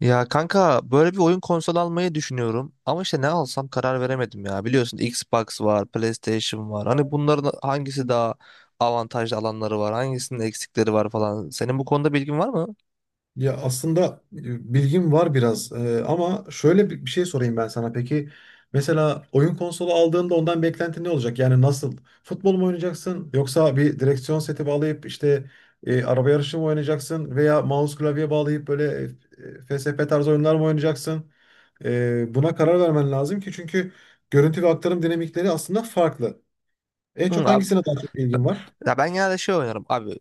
Ya kanka böyle bir oyun konsolu almayı düşünüyorum ama işte ne alsam karar veremedim ya. Biliyorsun Xbox var, PlayStation var. Hani bunların hangisi daha avantajlı alanları var, hangisinin eksikleri var falan. Senin bu konuda bilgin var mı? Ya aslında bilgim var biraz ama şöyle bir şey sorayım ben sana. Peki mesela oyun konsolu aldığında ondan beklentin ne olacak? Yani nasıl? Futbol mu oynayacaksın yoksa bir direksiyon seti bağlayıp işte araba yarışı mı oynayacaksın veya mouse klavye bağlayıp böyle FSP tarzı oyunlar mı oynayacaksın? Buna karar vermen lazım ki çünkü görüntü ve aktarım dinamikleri aslında farklı. En Hı, çok abi, hangisine daha çok ilgin var? ya ben genelde şey oynarım abi.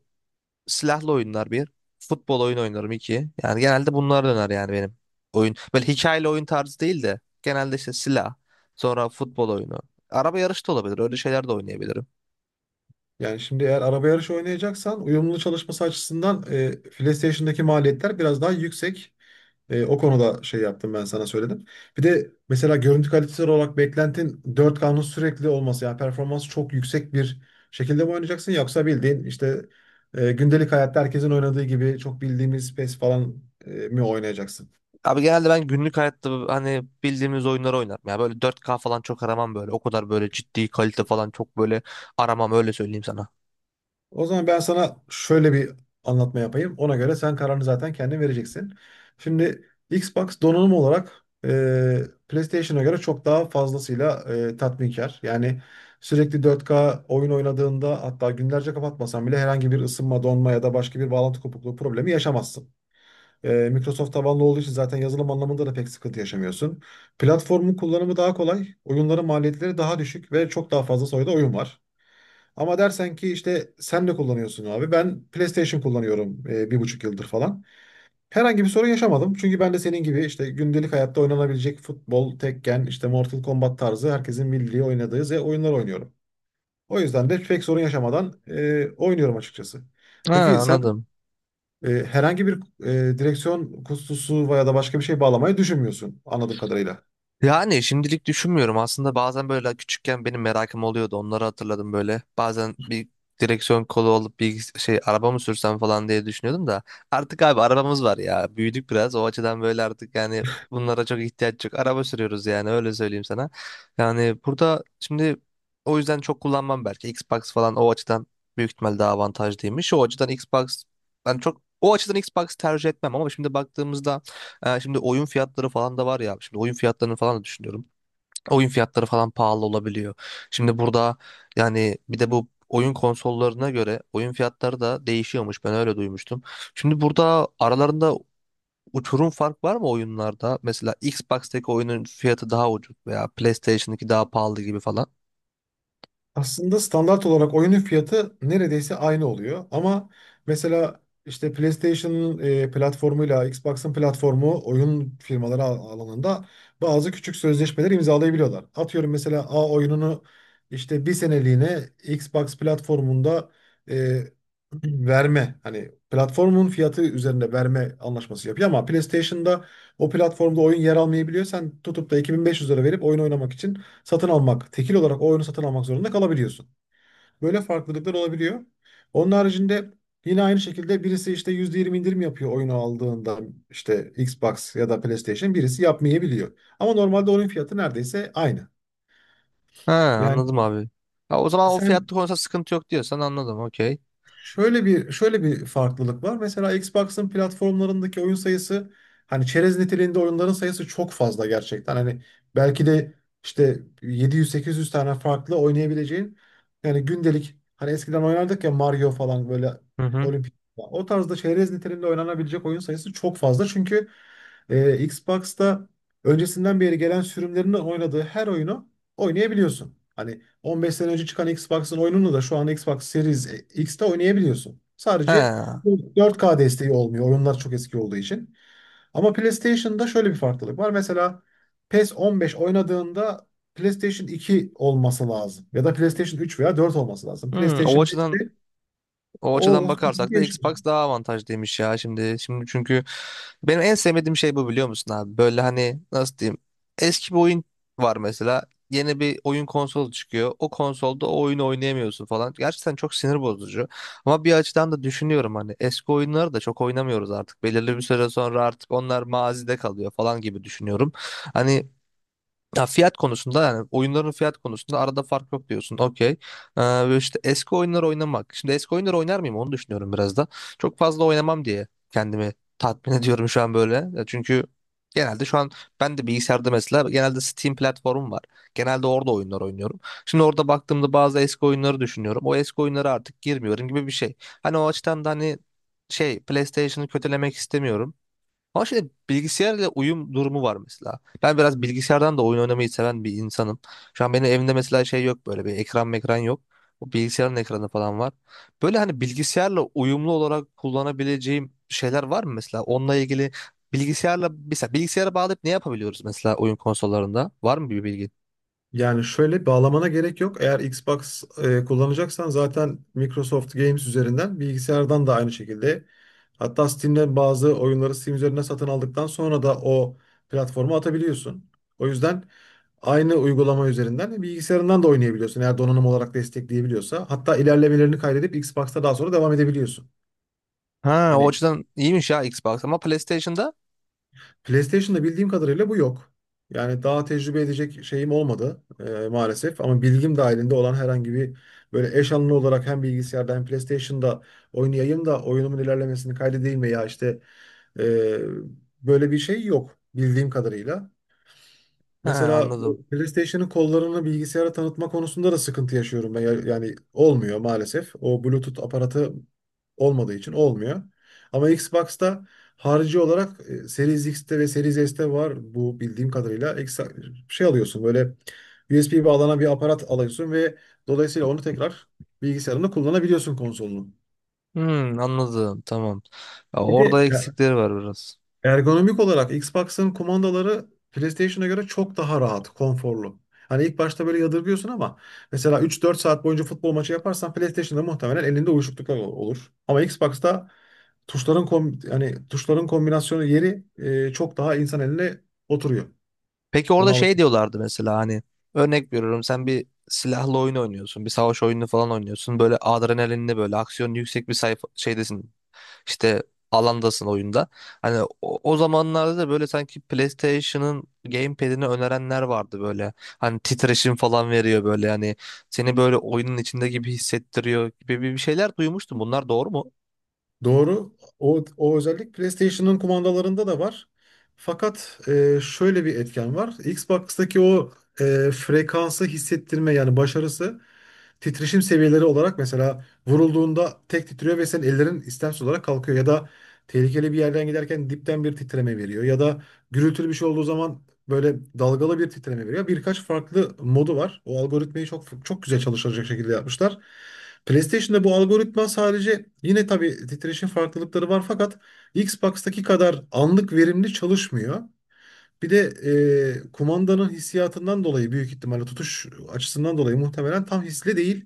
Silahlı oyunlar bir, futbol oyunu oynarım iki. Yani genelde bunlar döner yani benim oyun. Böyle hikayeli oyun tarzı değil de genelde işte silah, sonra futbol oyunu. Araba yarışı da olabilir. Öyle şeyler de oynayabilirim. Yani şimdi eğer araba yarışı oynayacaksan uyumlu çalışması açısından PlayStation'daki maliyetler biraz daha yüksek. O konuda şey yaptım ben sana söyledim. Bir de mesela görüntü kalitesi olarak beklentin 4K'nın sürekli olması yani performans çok yüksek bir şekilde mi oynayacaksın yoksa bildiğin işte gündelik hayatta herkesin oynadığı gibi çok bildiğimiz PES falan mi oynayacaksın? Abi genelde ben günlük hayatta hani bildiğimiz oyunları oynarım. Ya böyle 4K falan çok aramam böyle. O kadar böyle ciddi kalite falan çok böyle aramam öyle söyleyeyim sana. O zaman ben sana şöyle bir anlatma yapayım. Ona göre sen kararını zaten kendin vereceksin. Şimdi Xbox donanım olarak PlayStation'a göre çok daha fazlasıyla tatminkar. Yani sürekli 4K oyun oynadığında hatta günlerce kapatmasan bile herhangi bir ısınma, donma ya da başka bir bağlantı kopukluğu problemi yaşamazsın. Microsoft tabanlı olduğu için zaten yazılım anlamında da pek sıkıntı yaşamıyorsun. Platformun kullanımı daha kolay, oyunların maliyetleri daha düşük ve çok daha fazla sayıda oyun var. Ama dersen ki işte sen ne kullanıyorsun abi? Ben PlayStation kullanıyorum bir buçuk yıldır falan. Herhangi bir sorun yaşamadım. Çünkü ben de senin gibi işte gündelik hayatta oynanabilecek futbol, Tekken, işte Mortal Kombat tarzı herkesin bildiği oynadığı oyunlar oynuyorum. O yüzden de pek sorun yaşamadan oynuyorum açıkçası. Ha, Peki sen anladım. Herhangi bir direksiyon kutusu veya da başka bir şey bağlamayı düşünmüyorsun anladığım kadarıyla. Yani şimdilik düşünmüyorum. Aslında bazen böyle küçükken benim merakım oluyordu. Onları hatırladım böyle. Bazen bir direksiyon kolu olup bir şey araba mı sürsem falan diye düşünüyordum da. Artık abi arabamız var ya. Büyüdük biraz. O açıdan böyle artık yani bunlara çok ihtiyaç yok. Araba sürüyoruz yani öyle söyleyeyim sana. Yani burada şimdi o yüzden çok kullanmam belki. Xbox falan o açıdan büyük ihtimal daha avantajlıymış. O açıdan Xbox ben çok o açıdan Xbox tercih etmem ama şimdi baktığımızda şimdi oyun fiyatları falan da var ya. Şimdi oyun fiyatlarını falan da düşünüyorum. Oyun fiyatları falan pahalı olabiliyor. Şimdi burada yani bir de bu oyun konsollarına göre oyun fiyatları da değişiyormuş. Ben öyle duymuştum. Şimdi burada aralarında uçurum fark var mı oyunlarda? Mesela Xbox'taki oyunun fiyatı daha ucuz veya PlayStation'daki daha pahalı gibi falan. Aslında standart olarak oyunun fiyatı neredeyse aynı oluyor. Ama mesela işte PlayStation'ın platformuyla Xbox'ın platformu oyun firmaları alanında bazı küçük sözleşmeler imzalayabiliyorlar. Atıyorum mesela A oyununu işte bir seneliğine Xbox platformunda e, verme hani platformun fiyatı üzerinde verme anlaşması yapıyor ama PlayStation'da o platformda oyun yer almayabiliyor. Sen tutup da 2500 lira verip oyun oynamak için satın almak, tekil olarak o oyunu satın almak zorunda kalabiliyorsun. Böyle farklılıklar olabiliyor. Onun haricinde yine aynı şekilde birisi işte %20 indirim yapıyor oyunu aldığında işte Xbox ya da PlayStation birisi yapmayabiliyor. Ama normalde oyun fiyatı neredeyse aynı. Ha, Yani anladım abi. Ha, o zaman o sen fiyatta konusunda sıkıntı yok diyorsan anladım. Okey. şöyle bir farklılık var. Mesela Xbox'ın platformlarındaki oyun sayısı hani çerez niteliğinde oyunların sayısı çok fazla gerçekten. Hani belki de işte 700-800 tane farklı oynayabileceğin yani gündelik hani eskiden oynardık ya Mario falan böyle Hı hı. olimpik o tarzda çerez niteliğinde oynanabilecek oyun sayısı çok fazla. Çünkü Xbox'ta öncesinden beri gelen sürümlerinin oynadığı her oyunu oynayabiliyorsun. Hani 15 sene önce çıkan Xbox'ın oyununu da şu an Xbox Series X'te oynayabiliyorsun. He. Sadece 4K desteği olmuyor. Oyunlar çok eski olduğu için. Ama PlayStation'da şöyle bir farklılık var. Mesela PES 15 oynadığında PlayStation 2 olması lazım. Ya da PlayStation 3 veya 4 olması lazım. Hmm, o PlayStation açıdan 5'te O açıdan o. bakarsak da Xbox daha avantajlıymış ya şimdi. Şimdi çünkü benim en sevmediğim şey bu biliyor musun abi? Böyle hani nasıl diyeyim? Eski bir oyun var mesela. Yeni bir oyun konsolu çıkıyor. O konsolda o oyunu oynayamıyorsun falan. Gerçekten çok sinir bozucu. Ama bir açıdan da düşünüyorum hani eski oyunları da çok oynamıyoruz artık. Belirli bir süre sonra artık onlar mazide kalıyor falan gibi düşünüyorum. Hani ya fiyat konusunda yani oyunların fiyat konusunda arada fark yok diyorsun. Okey. Ve işte eski oyunları oynamak. Şimdi eski oyunları oynar mıyım onu düşünüyorum biraz da. Çok fazla oynamam diye kendimi tatmin ediyorum şu an böyle. Ya, çünkü genelde şu an ben de bilgisayarda mesela genelde Steam platformum var. Genelde orada oyunlar oynuyorum. Şimdi orada baktığımda bazı eski oyunları düşünüyorum. O eski oyunlara artık girmiyorum gibi bir şey. Hani o açıdan da hani şey PlayStation'ı kötülemek istemiyorum. Ama şimdi bilgisayarla uyum durumu var mesela. Ben biraz bilgisayardan da oyun oynamayı seven bir insanım. Şu an benim evimde mesela şey yok böyle bir ekran mekran yok. O bilgisayarın ekranı falan var. Böyle hani bilgisayarla uyumlu olarak kullanabileceğim şeyler var mı mesela? Onunla ilgili bilgisayarla mesela bilgisayara bağlayıp ne yapabiliyoruz mesela oyun konsollarında? Var mı bir bilgi? Yani şöyle bağlamana gerek yok. Eğer Xbox kullanacaksan zaten Microsoft Games üzerinden bilgisayardan da aynı şekilde. Hatta Steam'den bazı oyunları Steam üzerinden satın aldıktan sonra da o platforma atabiliyorsun. O yüzden aynı uygulama üzerinden bilgisayarından da oynayabiliyorsun. Eğer donanım olarak destekleyebiliyorsa. Hatta ilerlemelerini kaydedip Xbox'ta daha sonra devam edebiliyorsun. Ha, o Hani açıdan iyiymiş ya Xbox ama PlayStation'da? PlayStation'da bildiğim kadarıyla bu yok. Yani daha tecrübe edecek şeyim olmadı maalesef. Ama bilgim dahilinde olan herhangi bir böyle eş anlı olarak hem bilgisayarda hem PlayStation'da oynayayım da oyunumun ilerlemesini kaydedeyim veya işte e, böyle bir şey yok bildiğim kadarıyla. Ha, Mesela anladım. bu PlayStation'ın kollarını bilgisayara tanıtma konusunda da sıkıntı yaşıyorum ben. Yani olmuyor maalesef. O Bluetooth aparatı olmadığı için olmuyor. Ama Xbox'ta harici olarak Series X'te ve Series S'te var bu bildiğim kadarıyla. Şey alıyorsun böyle USB bağlanan bir aparat alıyorsun ve dolayısıyla onu tekrar bilgisayarında kullanabiliyorsun konsolunu. Hmm, anladım tamam. Ya Bir orada de eksikleri var biraz. ergonomik olarak Xbox'ın kumandaları PlayStation'a göre çok daha rahat, konforlu. Hani ilk başta böyle yadırgıyorsun ama mesela 3-4 saat boyunca futbol maçı yaparsan PlayStation'da muhtemelen elinde uyuşukluklar olur. Ama Xbox'ta tuşların kombinasyonu yeri çok daha insan eline oturuyor. Peki orada Bunu şey diyorlardı mesela hani örnek veriyorum sen bir silahlı oyun oynuyorsun. Bir savaş oyunu falan oynuyorsun. Böyle adrenalinli böyle aksiyon yüksek bir sayfa şeydesin. İşte alandasın oyunda. Hani o zamanlarda da böyle sanki PlayStation'ın gamepad'ini önerenler vardı böyle. Hani titreşim falan veriyor böyle hani seni böyle oyunun içinde gibi hissettiriyor gibi bir şeyler duymuştum. Bunlar doğru mu? Doğru. O özellik PlayStation'ın kumandalarında da var. Fakat şöyle bir etken var. Xbox'taki o frekansı hissettirme yani başarısı titreşim seviyeleri olarak mesela vurulduğunda tek titriyor ve senin ellerin istemsiz olarak kalkıyor ya da tehlikeli bir yerden giderken dipten bir titreme veriyor ya da gürültülü bir şey olduğu zaman böyle dalgalı bir titreme veriyor. Birkaç farklı modu var. O algoritmayı çok çok güzel çalışacak şekilde yapmışlar. PlayStation'da bu algoritma sadece yine tabii titreşim farklılıkları var fakat Xbox'taki kadar anlık verimli çalışmıyor. Bir de kumandanın hissiyatından dolayı büyük ihtimalle tutuş açısından dolayı muhtemelen tam hisli değil.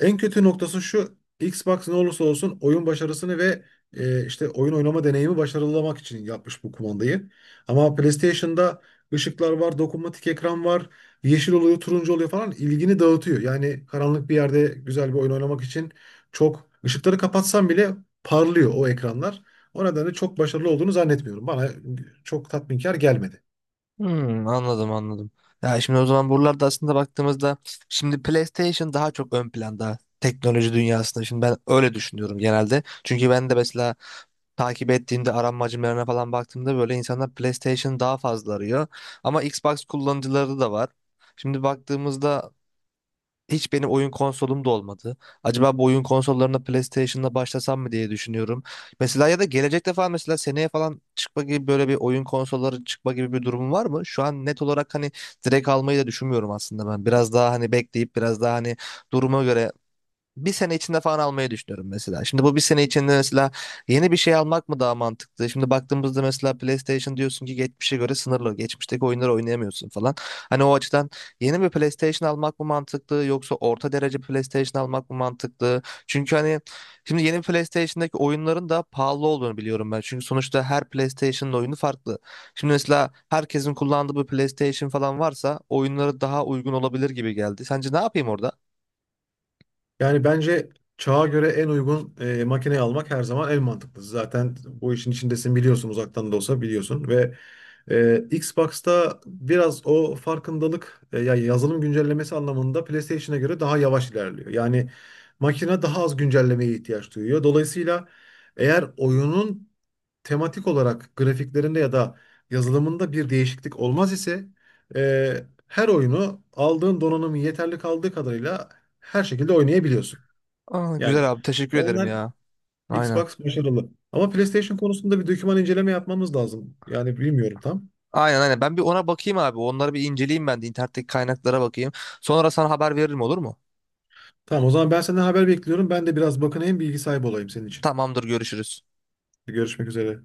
En kötü noktası şu. Xbox ne olursa olsun oyun başarısını ve işte oyun oynama deneyimi başarılamak için yapmış bu kumandayı. Ama PlayStation'da ışıklar var, dokunmatik ekran var, yeşil oluyor, turuncu oluyor falan ilgini dağıtıyor. Yani karanlık bir yerde güzel bir oyun oynamak için çok ışıkları kapatsam bile parlıyor o ekranlar. O nedenle çok başarılı olduğunu zannetmiyorum. Bana çok tatminkar gelmedi. Hmm, anladım anladım. Ya şimdi o zaman buralarda aslında baktığımızda şimdi PlayStation daha çok ön planda teknoloji dünyasında. Şimdi ben öyle düşünüyorum genelde. Çünkü ben de mesela takip ettiğimde aranmacılarına falan baktığımda böyle insanlar PlayStation daha fazla arıyor. Ama Xbox kullanıcıları da var. Şimdi baktığımızda hiç benim oyun konsolum da olmadı. Acaba bu oyun konsollarına PlayStation'la başlasam mı diye düşünüyorum. Mesela ya da gelecekte falan mesela seneye falan çıkma gibi böyle bir oyun konsolları çıkma gibi bir durum var mı? Şu an net olarak hani direkt almayı da düşünmüyorum aslında ben. Biraz daha hani bekleyip biraz daha hani duruma göre bir sene içinde falan almayı düşünüyorum mesela. Şimdi bu bir sene içinde mesela yeni bir şey almak mı daha mantıklı? Şimdi baktığımızda mesela PlayStation diyorsun ki geçmişe göre sınırlı. Geçmişteki oyunları oynayamıyorsun falan. Hani o açıdan yeni bir PlayStation almak mı mantıklı yoksa orta derece PlayStation almak mı mantıklı? Çünkü hani şimdi yeni PlayStation'daki oyunların da pahalı olduğunu biliyorum ben. Çünkü sonuçta her PlayStation'ın oyunu farklı. Şimdi mesela herkesin kullandığı bir PlayStation falan varsa oyunları daha uygun olabilir gibi geldi. Sence ne yapayım orada? Yani bence çağa göre en uygun makineyi almak her zaman en mantıklısı. Zaten bu işin içindesin biliyorsun uzaktan da olsa biliyorsun ve Xbox'ta biraz o farkındalık ya yazılım güncellemesi anlamında PlayStation'a göre daha yavaş ilerliyor. Yani makine daha az güncellemeye ihtiyaç duyuyor. Dolayısıyla eğer oyunun tematik olarak grafiklerinde ya da yazılımında bir değişiklik olmaz ise her oyunu aldığın donanımın yeterli kaldığı kadarıyla her şekilde oynayabiliyorsun. Aa, Yani güzel abi teşekkür o ederim yüzden ya. Aynen. Xbox başarılı. Ama PlayStation konusunda bir doküman inceleme yapmamız lazım. Yani bilmiyorum tam. Aynen aynen. Ben bir ona bakayım abi. Onları bir inceleyeyim ben de internetteki kaynaklara bakayım. Sonra sana haber veririm olur mu? Tamam o zaman ben senden haber bekliyorum. Ben de biraz bakınayım bilgi sahibi olayım senin için. Tamamdır, görüşürüz. Görüşmek üzere.